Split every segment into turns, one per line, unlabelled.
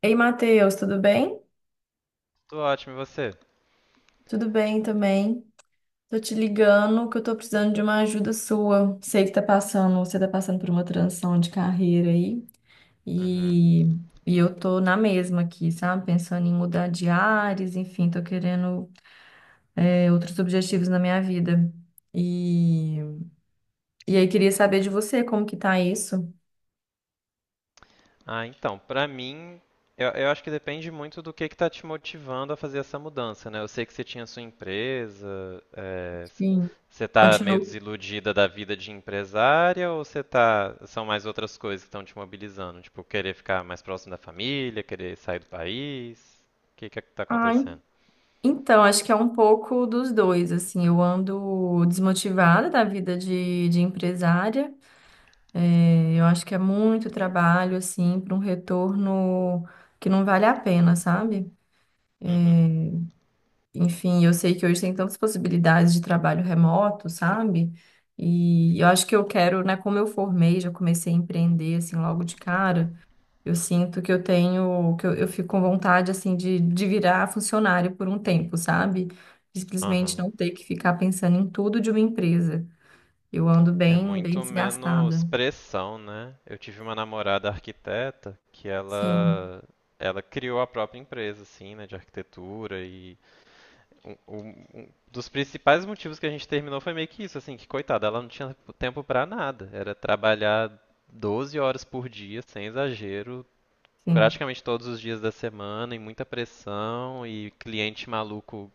Ei, Matheus, tudo bem?
Tô ótimo, e você?
Tudo bem também. Tô te ligando que eu tô precisando de uma ajuda sua. Sei que tá passando, você tá passando por uma transição de carreira aí
Uhum.
e, e eu tô na mesma aqui, sabe? Pensando em mudar de áreas, enfim, tô querendo outros objetivos na minha vida. E, e aí queria saber de você como que tá isso.
Ah, então, pra mim, eu acho que depende muito do que tá te motivando a fazer essa mudança, né? Eu sei que você tinha sua empresa, é, c-
Sim,
você tá meio
continuo.
desiludida da vida de empresária ou você tá, são mais outras coisas que estão te mobilizando? Tipo, querer ficar mais próximo da família, querer sair do país? O que que é que tá
Ah,
acontecendo?
Então, acho que é um pouco dos dois, assim, eu ando desmotivada da vida de empresária. É, eu acho que é muito trabalho, assim, para um retorno que não vale a pena, sabe?
Uhum.
É, enfim, eu sei que hoje tem tantas possibilidades de trabalho remoto, sabe? E eu acho que eu quero, né, como eu formei, já comecei a empreender, assim, logo de cara, eu sinto que eu tenho, que eu fico com vontade, assim, de virar funcionário por um tempo, sabe? De simplesmente
Aham.
não ter que ficar pensando em tudo de uma empresa. Eu ando
É
bem, bem
muito
desgastada.
menos pressão, né? Eu tive uma namorada arquiteta que
Sim,
ela criou a própria empresa, assim, né, de arquitetura e um dos principais motivos que a gente terminou foi meio que isso, assim, que coitada, ela não tinha tempo pra nada, era trabalhar 12 horas por dia, sem exagero,
sim,
praticamente todos os dias da semana, e muita pressão e cliente maluco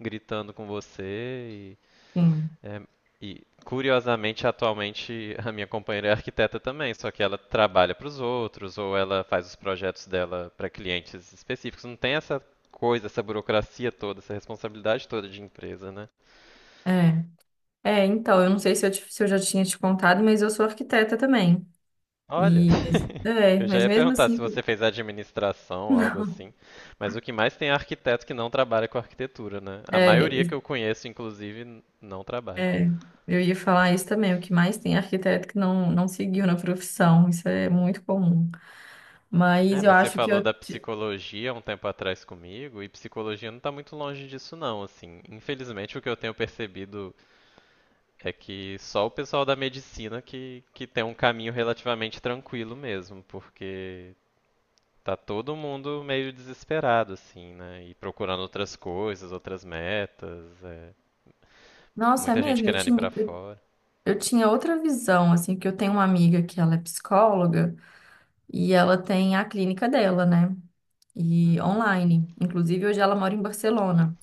gritando com você
sim.
é, e curiosamente, atualmente, a minha companheira é arquiteta também, só que ela trabalha para os outros ou ela faz os projetos dela para clientes específicos. Não tem essa coisa, essa burocracia toda, essa responsabilidade toda de empresa, né?
É. É, então, eu não sei se eu, se eu já tinha te contado, mas eu sou arquiteta também.
Olha,
E, mas, é,
eu já
mas
ia
mesmo
perguntar se
assim,
você fez administração ou algo
não.
assim, mas o que mais tem é arquiteto que não trabalha com arquitetura, né? A
É,
maioria que
e-
eu conheço, inclusive, não trabalha.
é, eu ia falar isso também. O que mais tem é arquiteto que não seguiu na profissão. Isso é muito comum.
É,
Mas eu
mas você
acho que
falou
eu...
da psicologia um tempo atrás comigo, e psicologia não tá muito longe disso não, assim. Infelizmente, o que eu tenho percebido é que só o pessoal da medicina que tem um caminho relativamente tranquilo mesmo, porque tá todo mundo meio desesperado, assim, né? E procurando outras coisas, outras metas, é.
Nossa, é
Muita gente
mesmo?
querendo ir pra fora.
Eu tinha outra visão, assim, que eu tenho uma amiga que ela é psicóloga e ela tem a clínica dela, né? E
Uhum.
online. Inclusive, hoje ela mora em Barcelona.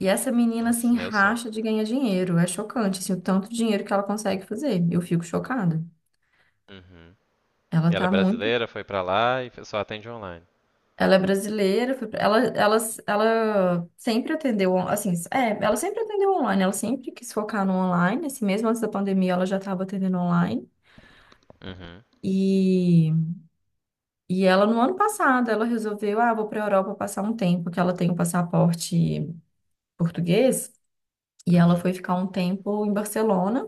E essa menina, assim,
Nossa, meu sonho.
racha de ganhar dinheiro. É chocante, assim, o tanto de dinheiro que ela consegue fazer. Eu fico chocada.
Uhum. E
Ela
ela é
tá muito.
brasileira, foi pra lá e só atende online.
Ela é brasileira, foi pra- ela sempre atendeu, assim, é, ela sempre atendeu online, ela sempre quis focar no online, assim, mesmo antes da pandemia ela já estava atendendo online.
Uhum.
E E ela, no ano passado, ela resolveu, ah, vou para a Europa passar um tempo, que ela tem um passaporte português. E ela
Uhum.
foi ficar um tempo em Barcelona,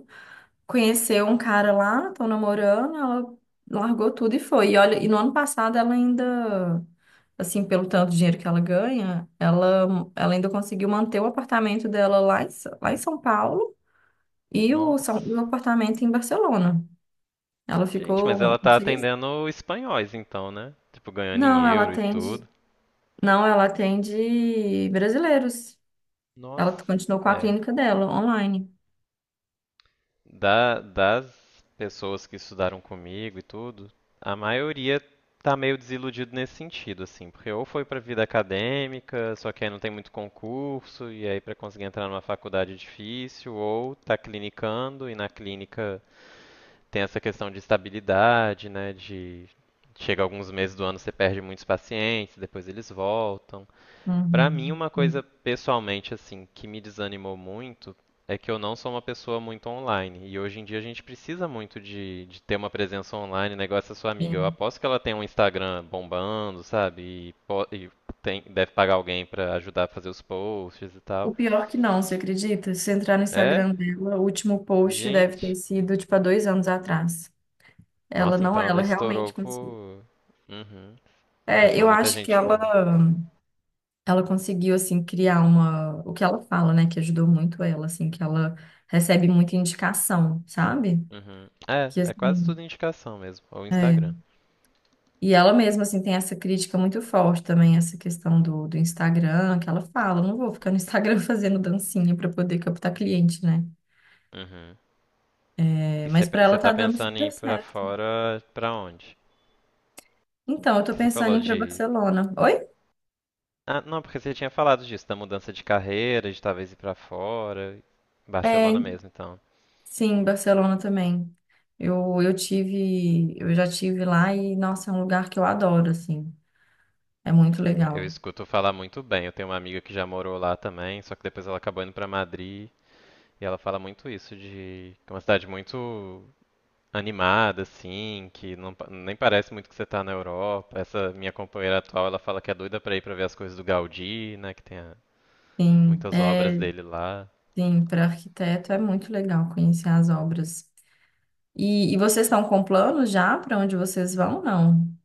conheceu um cara lá, estão namorando, ela largou tudo e foi. E olha, e no ano passado ela ainda, assim, pelo tanto de dinheiro que ela ganha, ela ainda conseguiu manter o apartamento dela lá em, lá em São Paulo e o,
Nossa.
o apartamento em Barcelona. Ela
Gente, mas ela
ficou
tá
seis.
atendendo espanhóis então, né? Tipo, ganhando em
Não, ela
euro e
atende.
tudo.
Não, ela atende brasileiros.
Nossa.
Ela continuou com a
É.
clínica dela, online.
Das pessoas que estudaram comigo e tudo, a maioria tá meio desiludido nesse sentido, assim. Porque ou foi pra vida acadêmica, só que aí não tem muito concurso, e aí pra conseguir entrar numa faculdade é difícil, ou tá clinicando, e na clínica tem essa questão de estabilidade, né? De chega alguns meses do ano você perde muitos pacientes, depois eles voltam. Pra mim,
Uhum,
uma
sim,
coisa pessoalmente assim que me desanimou muito é que eu não sou uma pessoa muito online. E hoje em dia a gente precisa muito de ter uma presença online, negócio da sua amiga. Eu
sim.
aposto que ela tem um Instagram bombando, sabe? E, po- e Deve pagar alguém pra ajudar a fazer os posts e
O
tal.
pior que não, você acredita? Se você entrar no
É?
Instagram dela, o último post deve ter
Gente.
sido, tipo, há dois anos atrás. Ela
Nossa,
não,
então ela
ela realmente
estourou
conseguiu.
por. Uhum.
É,
Achou
eu
muita
acho que
gente
ela,
boa.
ela conseguiu, assim, criar uma... O que ela fala, né? Que ajudou muito ela, assim, que ela recebe muita indicação, sabe?
Uhum. É,
Que,
é quase
assim,
tudo indicação mesmo. Ou
é.
Instagram.
E ela mesma, assim, tem essa crítica muito forte também, essa questão do Instagram, que ela fala, não vou ficar no Instagram fazendo dancinha para poder captar cliente, né?
Uhum.
É,
E
mas para ela
você
tá
tá
dando
pensando em
super
ir pra
certo.
fora pra onde?
Então, eu tô
Que você
pensando em
falou
ir para
de.
Barcelona. Oi?
Ah, não, porque você tinha falado disso, da mudança de carreira, de talvez ir pra fora.
É,
Barcelona mesmo, então.
sim, Barcelona também. Eu tive, eu já tive lá e, nossa, é um lugar que eu adoro, assim. É muito
Eu
legal.
escuto falar muito bem. Eu tenho uma amiga que já morou lá também, só que depois ela acabou indo pra Madrid. E ela fala muito isso de que é uma cidade muito animada, assim, que nem parece muito que você tá na Europa. Essa minha companheira atual, ela fala que é doida pra ir pra ver as coisas do Gaudí, né,
Sim,
muitas obras
é,
dele lá.
sim, para arquiteto é muito legal conhecer as obras. E vocês estão com planos já para onde vocês vão? Não.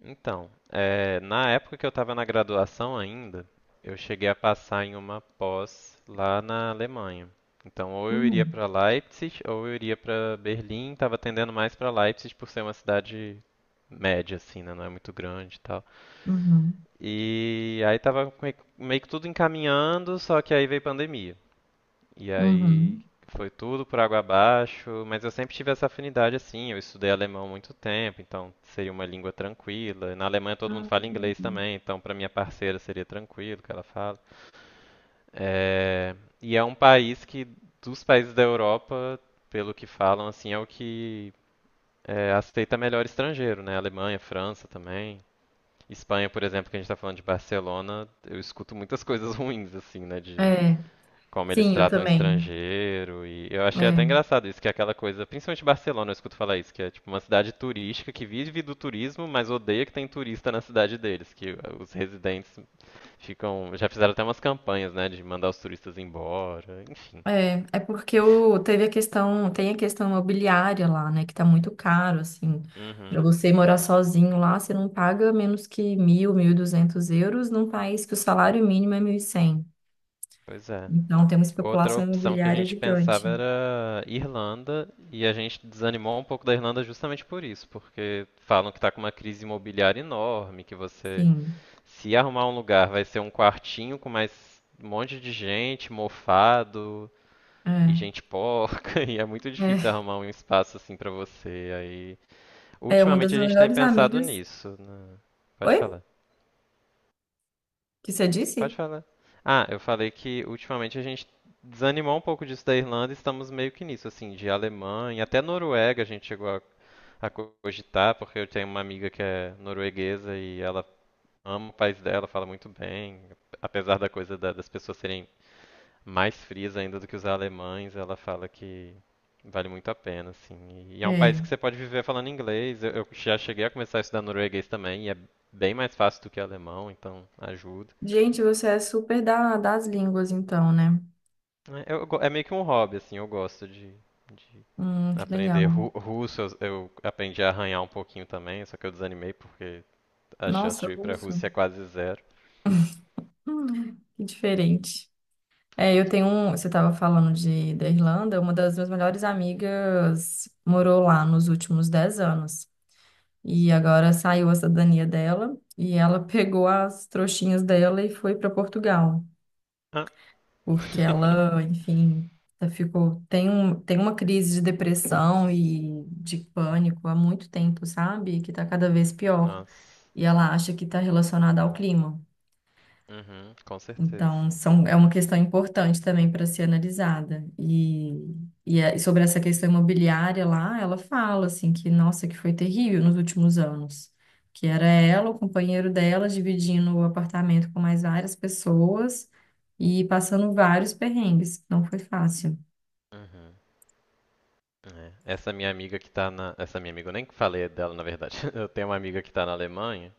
Então, na época que eu estava na graduação ainda, eu cheguei a passar em uma pós lá na Alemanha. Então, ou eu iria
Hum,
para Leipzig, ou eu iria para Berlim. Estava tendendo mais para Leipzig por ser uma cidade média, assim, né? Não é muito grande e tal.
uhum,
E aí estava meio que tudo encaminhando, só que aí veio pandemia. E aí
uhum.
tudo por água abaixo, mas eu sempre tive essa afinidade assim. Eu estudei alemão há muito tempo, então seria uma língua tranquila. Na Alemanha todo mundo
Ah, que
fala
legal.
inglês também, então para minha parceira seria tranquilo que ela fala. É, e é um país que, dos países da Europa, pelo que falam, assim, é o que aceita melhor estrangeiro, né? Alemanha, França também. Espanha, por exemplo, que a gente está falando de Barcelona, eu escuto muitas coisas ruins, assim, né? De
É,
como eles
sim, eu
tratam
também.
estrangeiro. E eu achei até engraçado isso, que é aquela coisa, principalmente Barcelona, eu escuto falar isso, que é tipo uma cidade turística que vive do turismo, mas odeia que tem turista na cidade deles, que os residentes ficam, já fizeram até umas campanhas, né, de mandar os turistas embora. Enfim.
É, é, é porque o, teve a questão, tem a questão imobiliária lá, né, que tá muito caro, assim, para
Uhum.
você morar sozinho lá, você não paga menos que mil, mil e duzentos euros num país que o salário mínimo é mil e cem.
Pois é.
Então, tem uma
Outra
especulação
opção que a
imobiliária
gente
gigante.
pensava era Irlanda, e a gente desanimou um pouco da Irlanda justamente por isso, porque falam que está com uma crise imobiliária enorme, que você
Sim,
se arrumar um lugar, vai ser um quartinho com mais um monte de gente, mofado e
é,
gente porca, e é muito difícil
é,
arrumar um espaço assim pra você. Aí,
é uma das
ultimamente a gente tem
melhores
pensado
amigas.
nisso, né? Pode
Oi?
falar.
Que você
Pode
disse?
falar. Ah, eu falei que ultimamente a gente desanimou um pouco disso da Irlanda e estamos meio que nisso, assim, de Alemanha, até Noruega a gente chegou a cogitar, porque eu tenho uma amiga que é norueguesa e ela ama o país dela, fala muito bem, apesar da coisa das pessoas serem mais frias ainda do que os alemães, ela fala que vale muito a pena, assim. E é um país
É.
que você pode viver falando inglês. Eu já cheguei a começar a estudar norueguês também, e é bem mais fácil do que alemão, então ajuda.
Gente, você é super das línguas, então, né?
É, é meio que um hobby, assim, eu gosto de
Que legal.
Russo. Eu aprendi a arranhar um pouquinho também, só que eu desanimei porque a chance
Nossa,
de eu ir pra Rússia é
russo.
quase zero.
Que diferente. É, eu tenho um. Você estava falando da Irlanda, uma das minhas melhores amigas morou lá nos últimos 10 anos. E agora saiu a cidadania dela e ela pegou as trouxinhas dela e foi para Portugal.
Ah.
Porque ela, enfim, ela ficou. Tem uma crise de depressão e de pânico há muito tempo, sabe? Que tá cada vez pior.
Nossa.
E ela acha que está relacionada ao clima.
Uhum, com certeza.
Então, são, é uma questão importante também para ser analisada. E, e sobre essa questão imobiliária lá, ela fala assim que, nossa, que foi terrível nos últimos anos, que era ela, o companheiro dela, dividindo o apartamento com mais várias pessoas e passando vários perrengues. Não foi fácil.
Uhum. É. Essa minha amiga que tá na. Essa minha amiga, eu nem falei dela, na verdade. Eu tenho uma amiga que tá na Alemanha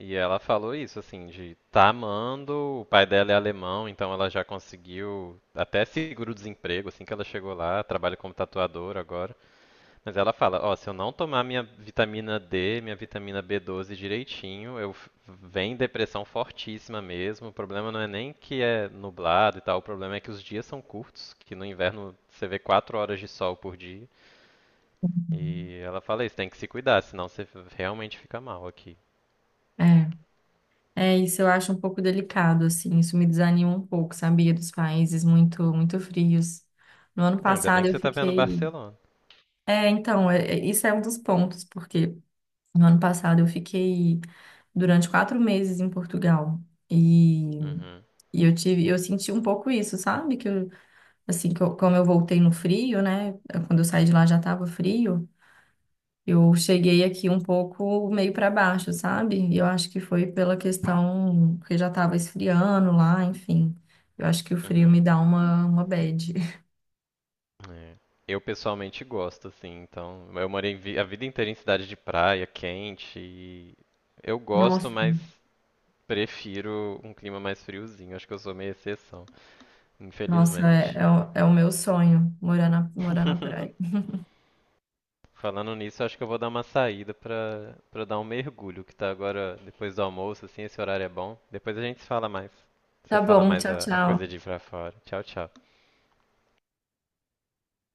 e ela falou isso, assim, de tá amando, o pai dela é alemão, então ela já conseguiu até seguro-desemprego, assim que ela chegou lá, trabalha como tatuadora agora. Mas ela fala, ó, se eu não tomar minha vitamina D, minha vitamina B12 direitinho, vem depressão fortíssima mesmo. O problema não é nem que é nublado e tal, o problema é que os dias são curtos, que no inverno você vê 4 horas de sol por dia. E ela fala isso, tem que se cuidar, senão você realmente fica mal aqui.
É. É, isso eu acho um pouco delicado, assim, isso me desanima um pouco, sabia? Dos países muito, muito frios. No ano
Ah, ainda bem
passado
que
eu
você tá vendo
fiquei...
Barcelona.
É, então, isso é um dos pontos, porque no ano passado eu fiquei durante 4 meses em Portugal e,
Uhum,
e eu tive, eu senti um pouco isso, sabe? Que eu, assim, como eu voltei no frio, né? É, quando eu saí de lá já estava frio, eu cheguei aqui um pouco meio para baixo, sabe? E eu acho que foi pela questão que já estava esfriando lá, enfim. Eu acho que o frio
uhum.
me dá uma bad.
É. Eu pessoalmente gosto, assim, então. A vida inteira em cidade de praia, quente, e eu gosto,
Nossa.
mas prefiro um clima mais friozinho. Acho que eu sou meio exceção,
Nossa, é,
infelizmente.
é, o, é o meu sonho, morar na praia.
Falando nisso, acho que eu vou dar uma saída pra dar um mergulho, que tá agora depois do almoço, assim, esse horário é bom. Depois a gente se fala mais.
Tá
Você fala
bom,
mais
tchau,
a coisa de
tchau.
ir pra fora. Tchau, tchau.